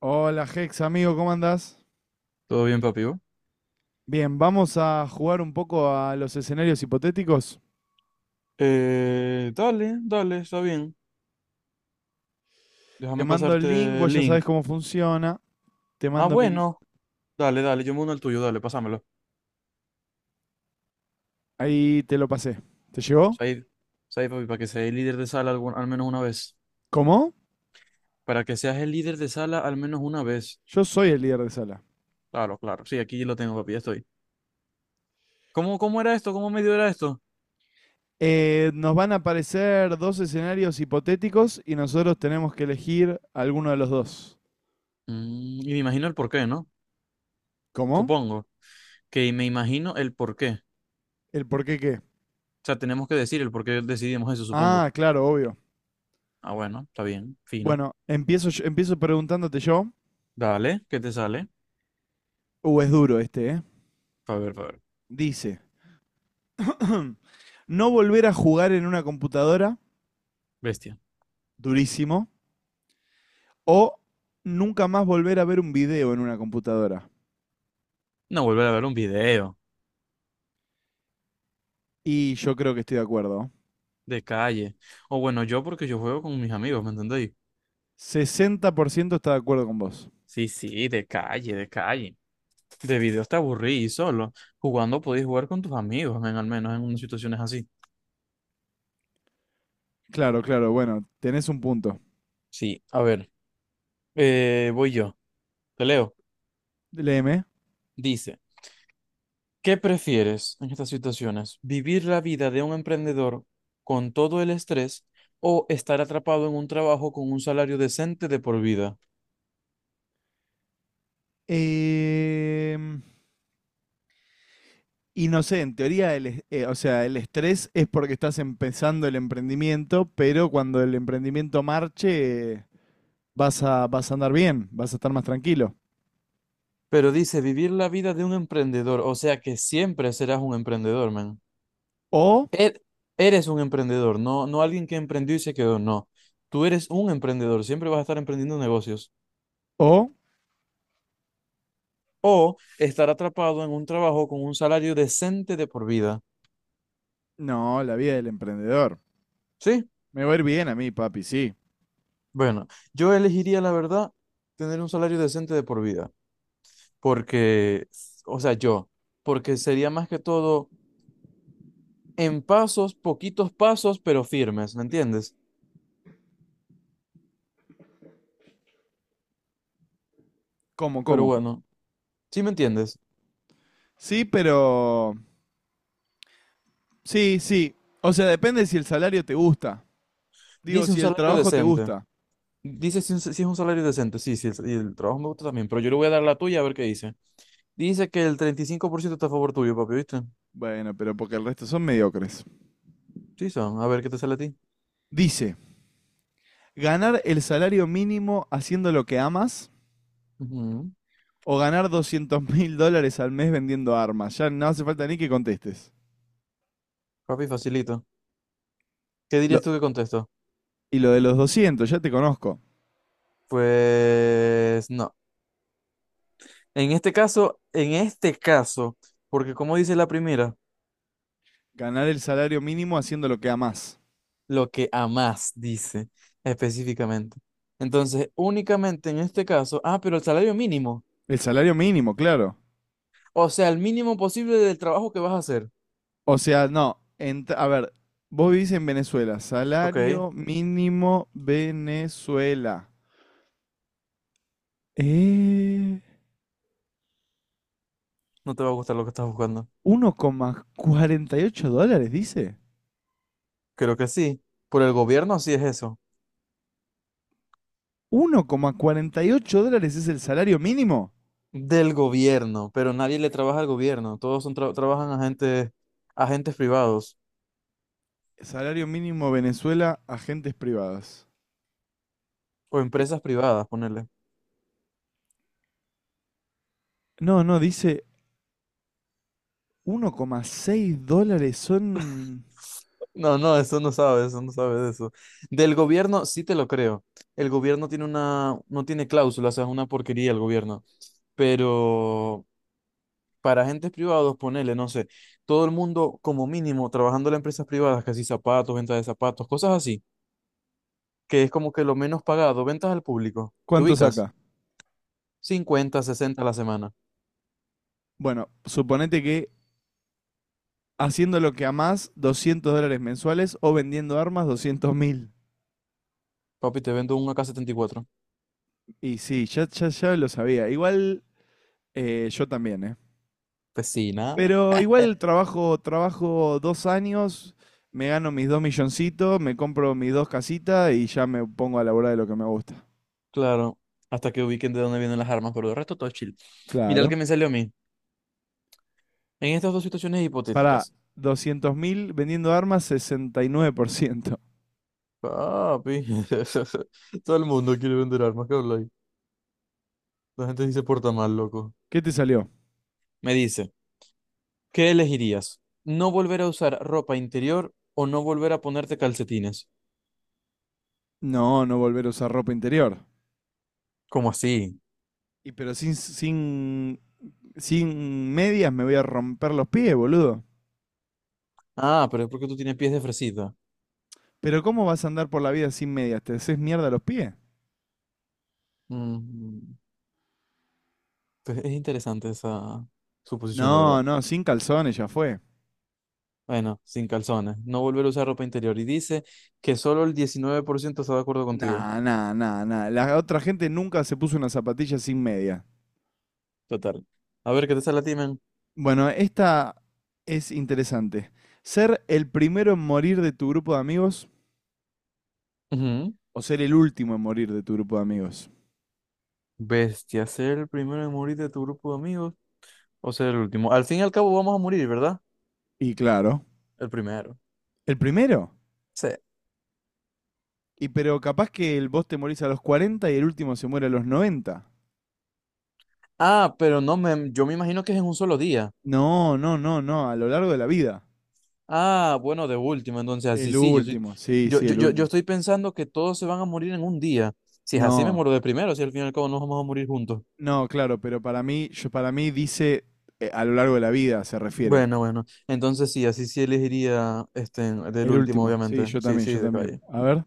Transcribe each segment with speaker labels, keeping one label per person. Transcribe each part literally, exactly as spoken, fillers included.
Speaker 1: Hola Hex, amigo, ¿cómo andás?
Speaker 2: ¿Todo bien, papi? ¿Vos?
Speaker 1: Bien, vamos a jugar un poco a los escenarios hipotéticos.
Speaker 2: Eh, dale, dale, está bien.
Speaker 1: Te
Speaker 2: Déjame
Speaker 1: mando el link,
Speaker 2: pasarte el
Speaker 1: vos ya sabés
Speaker 2: link.
Speaker 1: cómo funciona. Te
Speaker 2: Ah,
Speaker 1: mando mi...
Speaker 2: bueno. Dale, dale, yo me uno al tuyo, dale, pásamelo.
Speaker 1: Ahí te lo pasé. ¿Te llegó?
Speaker 2: Said, Said, papi, para que seas el líder de sala algún- al menos una vez.
Speaker 1: ¿Cómo?
Speaker 2: Para que seas el líder de sala al menos una vez.
Speaker 1: Yo soy el líder de sala.
Speaker 2: Claro, claro. Sí, aquí lo tengo, papi, ya estoy. ¿Cómo, cómo era esto? ¿Cómo medio era esto?
Speaker 1: Eh, nos van a aparecer dos escenarios hipotéticos y nosotros tenemos que elegir alguno de los dos.
Speaker 2: Mm, y me imagino el porqué, ¿no?
Speaker 1: ¿Cómo?
Speaker 2: Supongo. Que me imagino el porqué.
Speaker 1: ¿El por qué qué?
Speaker 2: O sea, tenemos que decir el por qué decidimos eso, supongo.
Speaker 1: Ah, claro, obvio.
Speaker 2: Ah, bueno, está bien, fino.
Speaker 1: Bueno, empiezo, yo- empiezo preguntándote yo.
Speaker 2: Dale, ¿qué te sale?
Speaker 1: Uh, es duro este, ¿eh?
Speaker 2: A ver, a ver.
Speaker 1: Dice, no volver a jugar en una computadora,
Speaker 2: Bestia.
Speaker 1: durísimo, o nunca más volver a ver un video en una computadora.
Speaker 2: No, volver a ver un video
Speaker 1: Y yo creo que estoy de acuerdo.
Speaker 2: de calle. O bueno, yo porque yo juego con mis amigos, ¿me entendéis?
Speaker 1: Sesenta por ciento está de acuerdo con vos.
Speaker 2: Sí, sí, de calle, de calle. De video está aburrido y solo. Jugando podéis jugar con tus amigos, men, al menos en unas situaciones así.
Speaker 1: Claro, claro, bueno, tenés un punto.
Speaker 2: Sí, a ver, eh, voy yo. Te leo.
Speaker 1: Léeme.
Speaker 2: Dice, ¿qué prefieres en estas situaciones? ¿Vivir la vida de un emprendedor con todo el estrés o estar atrapado en un trabajo con un salario decente de por vida?
Speaker 1: Em, y no sé, en teoría, el, eh, o sea, el estrés es porque estás empezando el emprendimiento, pero cuando el emprendimiento marche, eh, vas a, vas a andar bien, vas a estar más tranquilo.
Speaker 2: Pero dice vivir la vida de un emprendedor, o sea que siempre serás un emprendedor, man.
Speaker 1: O,
Speaker 2: Er- Eres un emprendedor, no, no alguien que emprendió y se quedó, no. Tú eres un emprendedor, siempre vas a estar emprendiendo negocios
Speaker 1: o
Speaker 2: o estar atrapado en un trabajo con un salario decente de por vida.
Speaker 1: No, la vida del emprendedor.
Speaker 2: ¿Sí?
Speaker 1: Me va a ir bien a mí, papi, sí.
Speaker 2: Bueno, yo elegiría, la verdad, tener un salario decente de por vida, porque, o sea, yo, porque sería más que todo en pasos, poquitos pasos, pero firmes, ¿me entiendes?
Speaker 1: ¿Cómo,
Speaker 2: Pero
Speaker 1: cómo?
Speaker 2: bueno, ¿sí me entiendes?
Speaker 1: Sí, pero... Sí, sí. O sea, depende si el salario te gusta. Digo,
Speaker 2: Dice un
Speaker 1: si el
Speaker 2: salario
Speaker 1: trabajo te
Speaker 2: decente.
Speaker 1: gusta.
Speaker 2: Dice si, un- si es un salario decente. Sí, sí, el, y el trabajo me gusta también. Pero yo le voy a dar la tuya a ver qué dice. Dice que el treinta y cinco por ciento está a favor tuyo, papi, ¿viste?
Speaker 1: Bueno, pero porque el resto son mediocres.
Speaker 2: Sí, son. A ver qué te sale a ti.
Speaker 1: Dice, ganar el salario mínimo haciendo lo que amas
Speaker 2: Ujú.
Speaker 1: o ganar doscientos mil dólares al mes vendiendo armas. Ya no hace falta ni que contestes.
Speaker 2: Papi, facilito. ¿Qué
Speaker 1: Lo-
Speaker 2: dirías tú que contesto?
Speaker 1: y lo de los doscientos ya te conozco.
Speaker 2: Pues no. En este caso, en este caso, porque como dice la primera,
Speaker 1: Ganar el salario mínimo haciendo lo que amas.
Speaker 2: lo que amás dice específicamente. Entonces, únicamente en este caso, ah, pero el salario mínimo.
Speaker 1: El salario mínimo, claro.
Speaker 2: O sea, el mínimo posible del trabajo que vas a hacer.
Speaker 1: O sea, no. Ent- a ver, vos vivís en Venezuela.
Speaker 2: Ok.
Speaker 1: Salario mínimo Venezuela. Eh,
Speaker 2: No te va a gustar lo que estás buscando.
Speaker 1: Uno coma cuarenta y ocho dólares, dice.
Speaker 2: Creo que sí. Por el gobierno sí es eso.
Speaker 1: Uno coma cuarenta y ocho dólares es el salario mínimo.
Speaker 2: Del gobierno, pero nadie le trabaja al gobierno. Todos son tra- trabajan agentes, agentes privados
Speaker 1: Salario mínimo Venezuela, agentes privadas.
Speaker 2: o
Speaker 1: Eh,
Speaker 2: empresas privadas, ponerle.
Speaker 1: No, no, dice uno coma seis dólares son...
Speaker 2: No, no, eso no sabe, eso no sabe de eso. Del gobierno sí te lo creo. El gobierno tiene una, no tiene cláusulas, o sea, es una porquería el gobierno. Pero para agentes privados, ponele no sé, todo el mundo como mínimo trabajando en empresas privadas, casi zapatos, venta de zapatos, cosas así que es como que lo menos pagado, ventas al público. Te
Speaker 1: ¿Cuánto
Speaker 2: ubicas
Speaker 1: saca?
Speaker 2: cincuenta, sesenta a la semana.
Speaker 1: Bueno, suponete que haciendo lo que amás, doscientos dólares mensuales o vendiendo armas, doscientos mil.
Speaker 2: Papi, te vendo un A K setenta y cuatro,
Speaker 1: Y sí, ya, ya, ya lo sabía. Igual eh, yo también, ¿eh?
Speaker 2: vecina.
Speaker 1: Pero igual trabajo, trabajo dos años, me gano mis dos milloncitos, me compro mis dos casitas y ya me pongo a laburar de lo que me gusta.
Speaker 2: Claro, hasta que ubiquen de dónde vienen las armas, pero de resto todo chill. Mira el
Speaker 1: Claro.
Speaker 2: que me salió a mí. En estas dos situaciones
Speaker 1: Para
Speaker 2: hipotéticas.
Speaker 1: doscientos mil vendiendo armas, sesenta y nueve por ciento.
Speaker 2: Papi, todo el mundo quiere vender armas, ¿qué habláis? La gente sí se porta mal, loco.
Speaker 1: ¿Qué te salió?
Speaker 2: Me dice, ¿qué elegirías? ¿No volver a usar ropa interior o no volver a ponerte calcetines?
Speaker 1: No, no volver a usar ropa interior.
Speaker 2: ¿Cómo así?
Speaker 1: Y pero sin, sin, sin medias me voy a romper los pies, boludo.
Speaker 2: Ah, pero es porque tú tienes pies de fresita.
Speaker 1: Pero ¿cómo vas a andar por la vida sin medias? ¿Te haces mierda los pies?
Speaker 2: Ujú. Pues es interesante esa suposición, la
Speaker 1: No,
Speaker 2: verdad.
Speaker 1: no, sin calzones ya fue.
Speaker 2: Bueno, sin calzones, no volver a usar ropa interior. Y dice que solo el diecinueve por ciento está de acuerdo contigo.
Speaker 1: Nah, nah, nah, nah. La otra gente nunca se puso una zapatilla sin media.
Speaker 2: Total. A ver, ¿qué te sale a ti, men?
Speaker 1: Bueno, esta es interesante. ¿Ser el primero en morir de tu grupo de amigos
Speaker 2: Ujú.
Speaker 1: o ser el último en morir de tu grupo de amigos?
Speaker 2: Bestia, ser el primero en morir de tu grupo de amigos o ser el último. Al fin y al cabo vamos a morir, ¿verdad?
Speaker 1: Y claro,
Speaker 2: El primero.
Speaker 1: ¿el primero?
Speaker 2: Sí.
Speaker 1: Y pero capaz que el vos te morís a los cuarenta y el último se muere a los noventa.
Speaker 2: Ah, pero no, me, yo me imagino que es en un solo día.
Speaker 1: No, no, no, no, a lo largo de la vida.
Speaker 2: Ah, bueno, de último, entonces así
Speaker 1: El
Speaker 2: sí, yo soy,
Speaker 1: último, sí,
Speaker 2: yo,
Speaker 1: sí,
Speaker 2: yo,
Speaker 1: el
Speaker 2: yo, yo
Speaker 1: último.
Speaker 2: estoy pensando que todos se van a morir en un día. Si es así, me
Speaker 1: No.
Speaker 2: muero de primero, si al fin y al cabo nos vamos a morir juntos.
Speaker 1: No, claro, pero para mí, yo, para mí dice eh, a lo largo de la vida, se refiere.
Speaker 2: Bueno, bueno. Entonces sí, así sí elegiría este del
Speaker 1: El
Speaker 2: último,
Speaker 1: último, sí,
Speaker 2: obviamente.
Speaker 1: yo
Speaker 2: Sí,
Speaker 1: también,
Speaker 2: sí,
Speaker 1: yo
Speaker 2: de
Speaker 1: también.
Speaker 2: calle.
Speaker 1: A ver.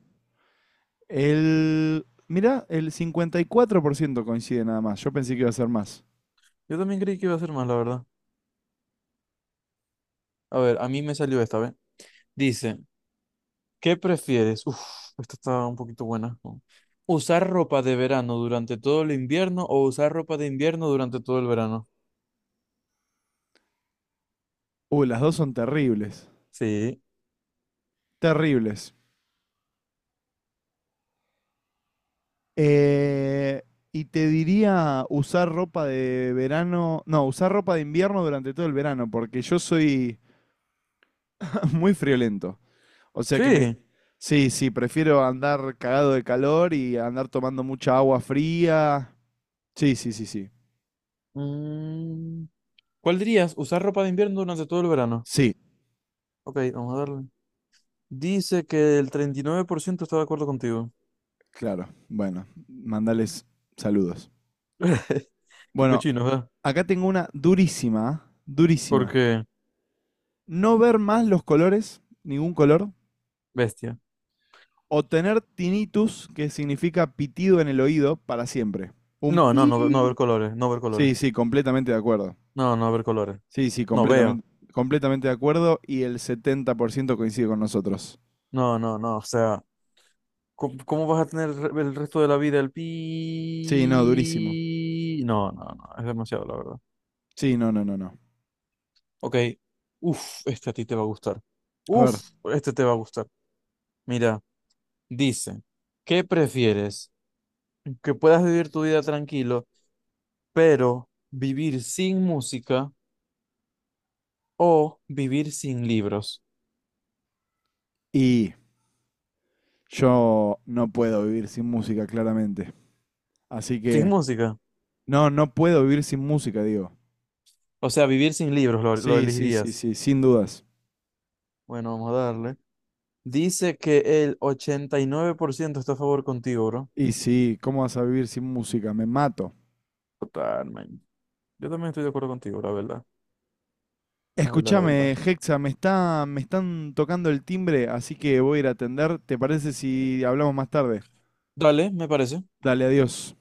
Speaker 1: El. Mirá, el cincuenta y cuatro por ciento coincide nada más. Yo pensé que iba a ser más.
Speaker 2: Yo también creí que iba a ser más, la verdad. A ver, a mí me salió esta, ¿ves? Dice, ¿qué prefieres? Uf, esta está un poquito buena. ¿no? ¿Usar ropa de verano durante todo el invierno o usar ropa de invierno durante todo el verano?
Speaker 1: Uy, las dos son terribles.
Speaker 2: Sí.
Speaker 1: Terribles. Eh, y te diría usar ropa de verano. No, usar ropa de invierno durante todo el verano, porque yo soy muy friolento. O sea que
Speaker 2: Sí.
Speaker 1: me... Sí, sí, prefiero andar cagado de calor y andar tomando mucha agua fría. Sí, sí, sí, sí.
Speaker 2: Mm, ¿Cuál dirías? ¿Usar ropa de invierno durante todo el verano?
Speaker 1: Sí,
Speaker 2: Ok, vamos a darle. Dice que el treinta y nueve por ciento está de acuerdo contigo.
Speaker 1: claro. Bueno, mandales saludos.
Speaker 2: Qué
Speaker 1: Bueno,
Speaker 2: cochino, ¿verdad?
Speaker 1: acá tengo una durísima, ¿ah? Durísima.
Speaker 2: Porque
Speaker 1: No ver más los colores, ningún color,
Speaker 2: bestia.
Speaker 1: o tener tinnitus, que significa pitido en el oído, para siempre. Un
Speaker 2: No, no, no, no ver
Speaker 1: pi.
Speaker 2: colores, no ver colores.
Speaker 1: Sí, sí, completamente de acuerdo.
Speaker 2: No, no ver colores.
Speaker 1: Sí, sí,
Speaker 2: No veo.
Speaker 1: completamente, completamente de acuerdo y el setenta por ciento coincide con nosotros.
Speaker 2: No, no, no. O sea, ¿cómo, cómo vas a tener el re- el resto de la vida el
Speaker 1: Sí, no, durísimo.
Speaker 2: pi? No, no, no. Es demasiado, la verdad.
Speaker 1: Sí, no, no, no, no.
Speaker 2: Ok. Uf, este a ti te va a gustar.
Speaker 1: A ver,
Speaker 2: Uf, este te va a gustar. Mira, dice, ¿qué prefieres? ¿Que puedas vivir tu vida tranquilo, pero vivir sin música o vivir sin libros?
Speaker 1: y yo no puedo vivir sin música, claramente. Así
Speaker 2: Sin
Speaker 1: que,
Speaker 2: música.
Speaker 1: no, no puedo vivir sin música, digo.
Speaker 2: O sea, vivir sin libros, lo lo
Speaker 1: Sí, sí, sí,
Speaker 2: elegirías.
Speaker 1: sí, sin dudas.
Speaker 2: Bueno, vamos a darle. Dice que el ochenta y nueve por ciento está a favor contigo, bro.
Speaker 1: Y sí, ¿cómo vas a vivir sin música? Me mato.
Speaker 2: Total, man. Yo también estoy de acuerdo contigo, la verdad. La verdad, la
Speaker 1: Escúchame,
Speaker 2: verdad.
Speaker 1: Hexa, me está, me están tocando el timbre, así que voy a ir a atender. ¿Te parece si hablamos más tarde?
Speaker 2: Dale, me parece.
Speaker 1: Dale, adiós.